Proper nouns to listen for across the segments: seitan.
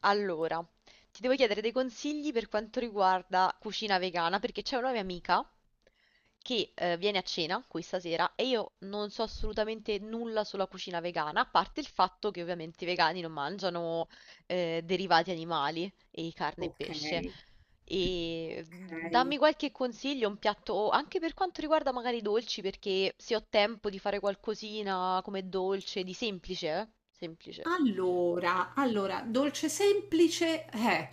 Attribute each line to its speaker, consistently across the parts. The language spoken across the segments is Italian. Speaker 1: Allora, ti devo chiedere dei consigli per quanto riguarda cucina vegana, perché c'è una mia amica che viene a cena qui stasera e io non so assolutamente nulla sulla cucina vegana, a parte il fatto che ovviamente i vegani non mangiano derivati animali e carne e
Speaker 2: Ok,
Speaker 1: pesce.
Speaker 2: ok.
Speaker 1: Dammi qualche consiglio, un piatto anche per quanto riguarda magari i dolci, perché se ho tempo di fare qualcosina come dolce, di semplice, eh? Semplice.
Speaker 2: Allora, dolce semplice, eh.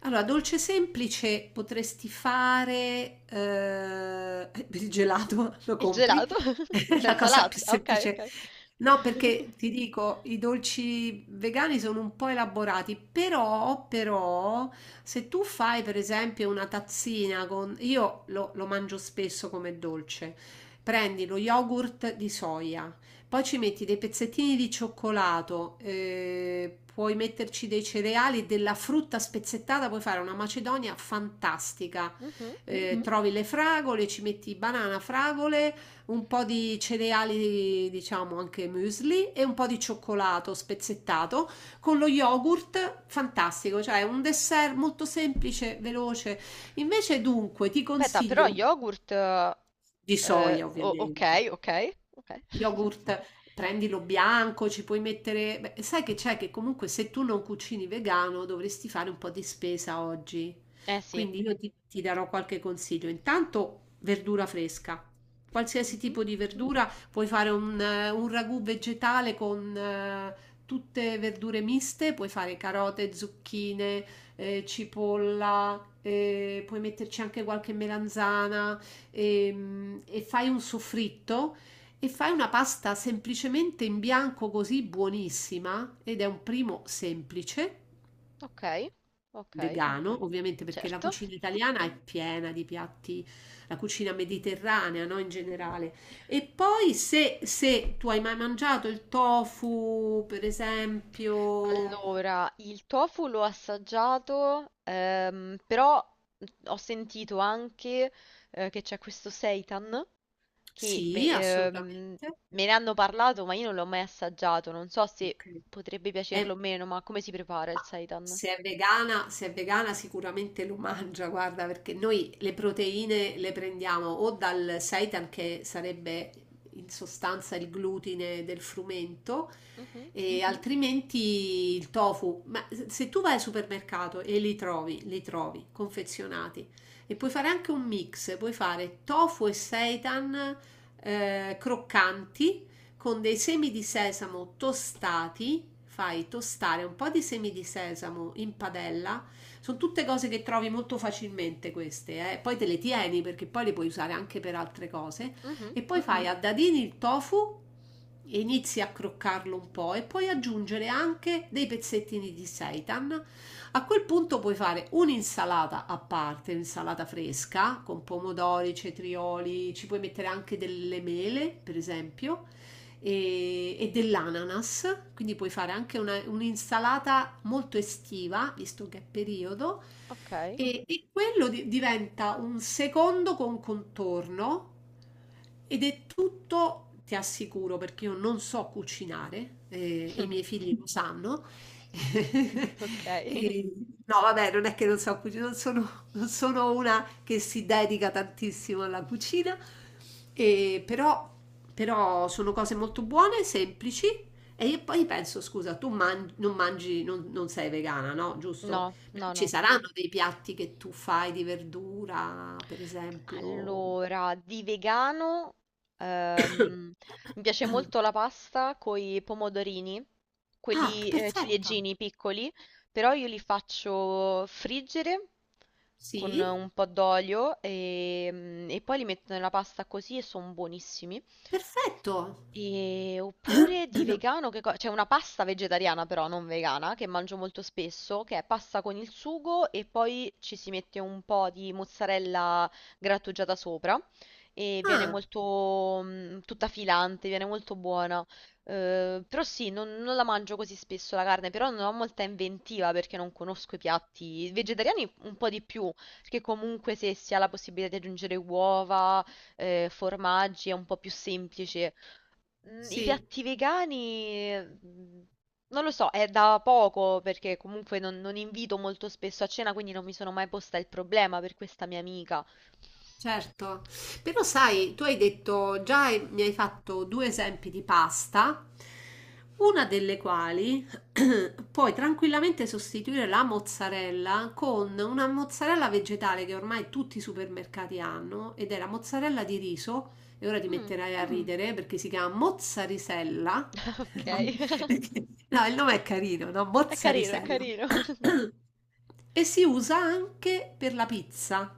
Speaker 2: Allora, dolce semplice potresti fare il gelato, lo
Speaker 1: Il
Speaker 2: compri?
Speaker 1: gelato?
Speaker 2: È la
Speaker 1: Senza
Speaker 2: cosa più
Speaker 1: latte? Ah, ok,
Speaker 2: semplice.
Speaker 1: ok.
Speaker 2: No, perché ti dico, i dolci vegani sono un po' elaborati, però, se tu fai per esempio una tazzina con... Io lo mangio spesso come dolce. Prendi lo yogurt di soia. Poi ci metti dei pezzettini di cioccolato, puoi metterci dei cereali, della frutta spezzettata, puoi fare una macedonia fantastica.
Speaker 1: Mhm.
Speaker 2: Mhm. Trovi le fragole, ci metti banana, fragole, un po' di cereali, diciamo anche muesli e un po' di cioccolato spezzettato con lo yogurt, fantastico, cioè un dessert molto semplice, veloce. Invece dunque ti
Speaker 1: Aspetta, però
Speaker 2: consiglio
Speaker 1: yogurt...
Speaker 2: di soia,
Speaker 1: ok,
Speaker 2: ovviamente.
Speaker 1: ok, ok.
Speaker 2: Yogurt, prendilo bianco, ci puoi mettere... Beh, sai che c'è, che comunque se tu non cucini vegano dovresti fare un po' di spesa oggi.
Speaker 1: Eh sì.
Speaker 2: Quindi io ti darò qualche consiglio. Intanto verdura fresca. Qualsiasi
Speaker 1: Mhm.
Speaker 2: tipo di verdura, puoi fare un ragù vegetale con tutte verdure miste, puoi fare carote, zucchine, cipolla, puoi metterci anche qualche melanzana, e fai un soffritto e fai una pasta semplicemente in bianco, così buonissima, ed è un primo semplice,
Speaker 1: Ok, ok,
Speaker 2: vegano, ovviamente, perché la
Speaker 1: certo.
Speaker 2: cucina italiana è piena di piatti, la cucina mediterranea, no, in generale. E poi se tu hai mai mangiato il tofu, per esempio,
Speaker 1: Allora, il tofu l'ho assaggiato, però ho sentito anche che c'è questo seitan che
Speaker 2: sì, assolutamente.
Speaker 1: me ne hanno parlato, ma io non l'ho mai assaggiato. Non so se
Speaker 2: Ok.
Speaker 1: potrebbe piacerlo
Speaker 2: È
Speaker 1: o meno, ma come si prepara
Speaker 2: Ma
Speaker 1: il seitan?
Speaker 2: se è vegana, se è vegana sicuramente lo mangia, guarda, perché noi le proteine le prendiamo o dal seitan, che sarebbe in sostanza il glutine del frumento,
Speaker 1: Mhm,
Speaker 2: e altrimenti il tofu. Ma se tu vai al supermercato e li trovi confezionati, e puoi fare anche un mix, puoi fare tofu e seitan, croccanti con dei semi di sesamo tostati, fai tostare un po' di semi di sesamo in padella. Sono tutte cose che trovi molto facilmente queste, poi te le tieni perché poi le puoi usare anche per altre cose,
Speaker 1: mhm,
Speaker 2: e poi fai a dadini il tofu e inizi a croccarlo un po' e puoi aggiungere anche dei pezzettini di seitan. A quel punto puoi fare un'insalata a parte, un'insalata fresca con pomodori, cetrioli, ci puoi mettere anche delle mele, per esempio, e dell'ananas, quindi puoi fare anche un'insalata molto estiva, visto che è periodo,
Speaker 1: ok.
Speaker 2: e quello diventa un secondo con contorno, ed è tutto, ti assicuro, perché io non so cucinare, e i miei figli lo sanno.
Speaker 1: Ok.
Speaker 2: E- no, vabbè, non è che non so cucinare, non sono una che si dedica tantissimo alla cucina, e però sono cose molto buone, semplici. E io poi penso, scusa, tu non mangi, non sei vegana, no? Giusto?
Speaker 1: No,
Speaker 2: Però
Speaker 1: no,
Speaker 2: ci
Speaker 1: no.
Speaker 2: saranno dei piatti che tu fai di verdura, per esempio.
Speaker 1: Allora, di vegano, ehm, mi piace molto la pasta con i pomodorini,
Speaker 2: Ah,
Speaker 1: quelli
Speaker 2: perfetto.
Speaker 1: ciliegini piccoli, però io li faccio friggere con
Speaker 2: Sì,
Speaker 1: un po' d'olio e, poi li metto nella pasta così e sono buonissimi.
Speaker 2: perfetto.
Speaker 1: Oppure di vegano, che c'è una pasta vegetariana però, non vegana, che mangio molto spesso, che è pasta con il sugo e poi ci si mette un po' di mozzarella grattugiata sopra e viene
Speaker 2: Ah,
Speaker 1: molto tutta filante, viene molto buona. Però sì, non, non la mangio così spesso la carne, però non ho molta inventiva perché non conosco i piatti vegetariani un po' di più, perché comunque se si ha la possibilità di aggiungere uova, formaggi è un po' più semplice. I
Speaker 2: sì.
Speaker 1: piatti vegani, mm, non lo so, è da poco perché comunque non, non invito molto spesso a cena, quindi non mi sono mai posta il problema per questa mia amica.
Speaker 2: Certo, però sai, tu hai detto, già mi hai fatto due esempi di pasta, una delle quali puoi tranquillamente sostituire la mozzarella con una mozzarella vegetale che ormai tutti i supermercati hanno, ed è la mozzarella di riso, e ora ti
Speaker 1: Mm,
Speaker 2: metterai a ridere, perché si chiama mozzarisella.
Speaker 1: ok,
Speaker 2: No, il nome è carino, no?
Speaker 1: è carino, è
Speaker 2: Mozzarisella.
Speaker 1: carino.
Speaker 2: E si usa anche per la pizza.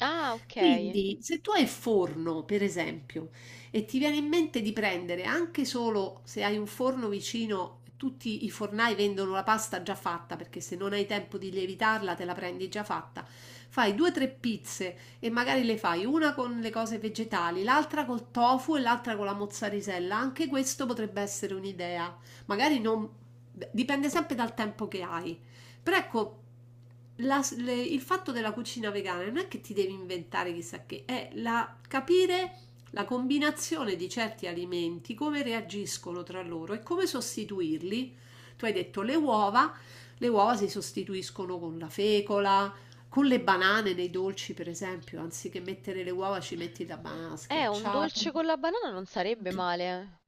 Speaker 1: Ah, ok.
Speaker 2: Quindi, se tu hai forno, per esempio, e ti viene in mente di prendere, anche solo se hai un forno vicino, tutti i fornai vendono la pasta già fatta, perché se non hai tempo di lievitarla, te la prendi già fatta. Fai due o tre pizze e magari le fai una con le cose vegetali, l'altra col tofu e l'altra con la mozzarella. Anche questo potrebbe essere un'idea. Magari non... Dipende sempre dal tempo che hai. Però ecco, il fatto della cucina vegana non è che ti devi inventare chissà che, è capire la combinazione di certi alimenti, come reagiscono tra loro e come sostituirli. Tu hai detto le uova si sostituiscono con la fecola, con le banane nei dolci, per esempio, anziché mettere le uova ci metti la banana
Speaker 1: Un
Speaker 2: schiacciata.
Speaker 1: dolce con la banana non sarebbe male.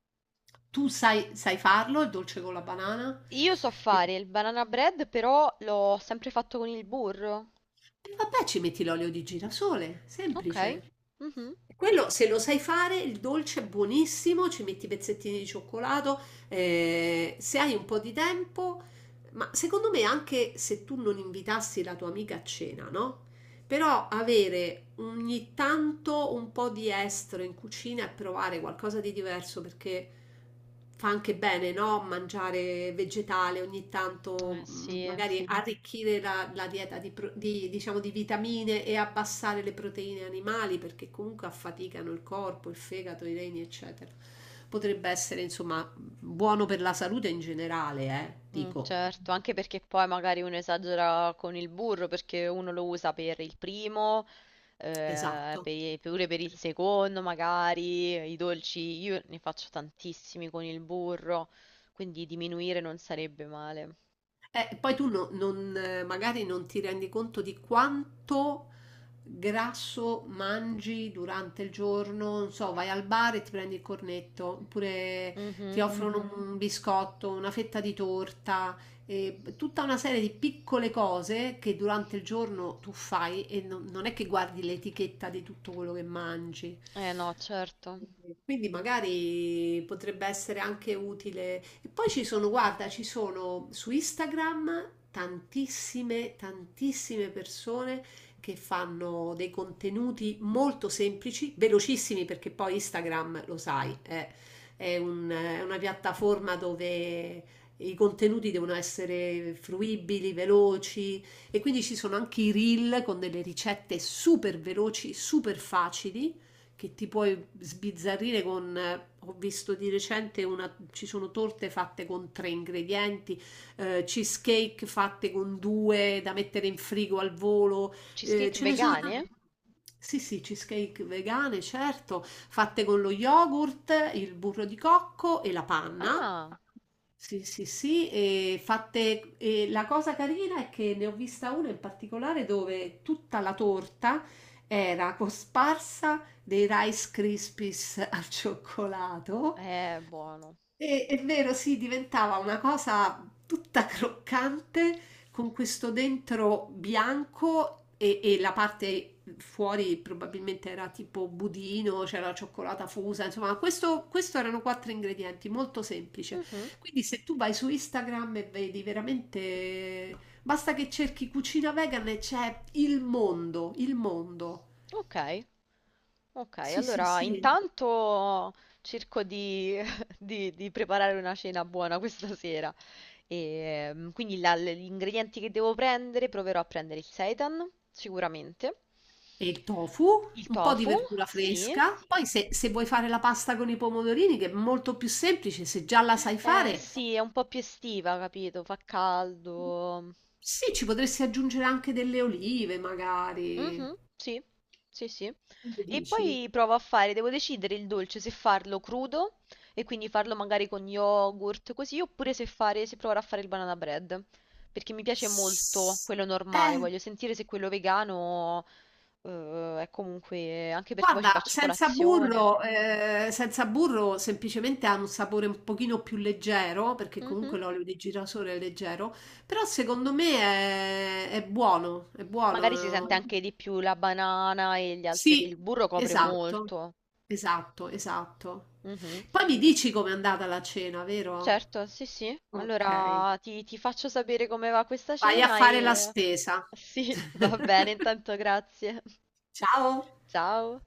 Speaker 2: Tu sai farlo, il dolce con la banana?
Speaker 1: Io so fare il banana bread, però l'ho sempre fatto con il burro.
Speaker 2: E vabbè, ci metti l'olio di girasole,
Speaker 1: Ok.
Speaker 2: semplice.
Speaker 1: Mhm.
Speaker 2: Quello, se lo sai fare, il dolce è buonissimo, ci metti i pezzettini di cioccolato, se hai un po' di tempo, ma secondo me, anche se tu non invitassi la tua amica a cena, no? Però avere ogni tanto un po' di estero in cucina e provare qualcosa di diverso, perché fa anche bene, no? Mangiare vegetale ogni
Speaker 1: Eh
Speaker 2: tanto,
Speaker 1: sì.
Speaker 2: magari, sì, arricchire la dieta di, diciamo, di vitamine, e abbassare le proteine animali perché comunque affaticano il corpo, il fegato, i reni, eccetera. Potrebbe essere, insomma, buono per la salute in generale, eh? Dico.
Speaker 1: Certo, anche perché poi magari uno esagera con il burro perché uno lo usa per il primo,
Speaker 2: Esatto.
Speaker 1: pure per il secondo, magari i dolci, io ne faccio tantissimi con il burro, quindi diminuire non sarebbe male.
Speaker 2: Poi tu no- non, magari non ti rendi conto di quanto grasso mangi durante il giorno, non so, vai al bar e ti prendi il cornetto, oppure ti
Speaker 1: Mhm.
Speaker 2: offrono un biscotto, una fetta di torta, e tutta una serie di piccole cose che durante il giorno tu fai, e non è che guardi l'etichetta di tutto quello che mangi.
Speaker 1: Eh no, certo.
Speaker 2: Quindi magari potrebbe essere anche utile. E poi ci sono, guarda, ci sono su Instagram tantissime, tantissime persone che fanno dei contenuti molto semplici, velocissimi, perché poi Instagram, lo sai, è una piattaforma dove i contenuti devono essere fruibili, veloci, e quindi ci sono anche i reel con delle ricette super veloci, super facili, che ti puoi sbizzarrire con, ho visto di recente una, ci sono torte fatte con tre ingredienti, cheesecake fatte con due da mettere in frigo al volo,
Speaker 1: Cheesecake
Speaker 2: ce ne sono Cheesecake tante,
Speaker 1: vegane?
Speaker 2: vegano. Sì, sì, cheesecake vegane, certo, fatte con lo yogurt, il burro di cocco e la panna.
Speaker 1: Ah,
Speaker 2: Sì, sì, sì, e fatte, e la cosa carina è che ne ho vista una in particolare dove tutta la torta era cosparsa dei Rice Krispies al cioccolato
Speaker 1: è buono.
Speaker 2: è vero, sì, diventava una cosa tutta croccante, con questo dentro bianco e la parte fuori probabilmente era tipo budino, c'era la cioccolata fusa, insomma, questo erano quattro ingredienti, molto semplice.
Speaker 1: Mhm.
Speaker 2: Quindi se tu vai su Instagram e vedi, veramente, basta che cerchi cucina vegan e c'è il mondo, il mondo.
Speaker 1: Ok, ok,
Speaker 2: Sì, sì,
Speaker 1: allora
Speaker 2: sì.
Speaker 1: intanto cerco di di preparare una cena buona questa sera. Quindi gli ingredienti che devo prendere, proverò a prendere il seitan, sicuramente.
Speaker 2: E il tofu,
Speaker 1: Il
Speaker 2: un po' di
Speaker 1: tofu,
Speaker 2: verdura
Speaker 1: sì.
Speaker 2: fresca, poi se vuoi fare la pasta con i pomodorini, che è molto più semplice, se già la sai
Speaker 1: Eh
Speaker 2: fare,
Speaker 1: sì, è un po' più estiva, capito? Fa caldo.
Speaker 2: sì, ci potresti aggiungere anche delle olive,
Speaker 1: Mhm,
Speaker 2: magari.
Speaker 1: sì, sì, sì.
Speaker 2: Che ne
Speaker 1: E
Speaker 2: dici?
Speaker 1: poi provo a fare, devo decidere il dolce se farlo crudo e quindi farlo magari con yogurt, così, oppure se fare, se provare a fare il banana bread. Perché mi piace molto
Speaker 2: S-
Speaker 1: quello normale,
Speaker 2: Eh,
Speaker 1: voglio sentire se quello vegano... è comunque anche perché poi ci
Speaker 2: guarda,
Speaker 1: faccio
Speaker 2: senza
Speaker 1: colazione.
Speaker 2: burro, senza burro semplicemente ha un sapore un pochino più leggero, perché
Speaker 1: Mhm.
Speaker 2: comunque l'olio di girasole è leggero, però secondo me è buono, è
Speaker 1: Magari si sente
Speaker 2: buono.
Speaker 1: anche di più la banana e gli altri, che il
Speaker 2: Sì,
Speaker 1: burro copre
Speaker 2: esatto,
Speaker 1: molto.
Speaker 2: esatto, esatto.
Speaker 1: Mhm.
Speaker 2: Poi mi dici com'è andata la cena, vero?
Speaker 1: Certo, sì, sì.
Speaker 2: Ok.
Speaker 1: Allora ti faccio sapere come va questa
Speaker 2: Vai a
Speaker 1: cena
Speaker 2: fare la
Speaker 1: e...
Speaker 2: spesa.
Speaker 1: Sì, va bene, intanto grazie.
Speaker 2: Ciao!
Speaker 1: Ciao.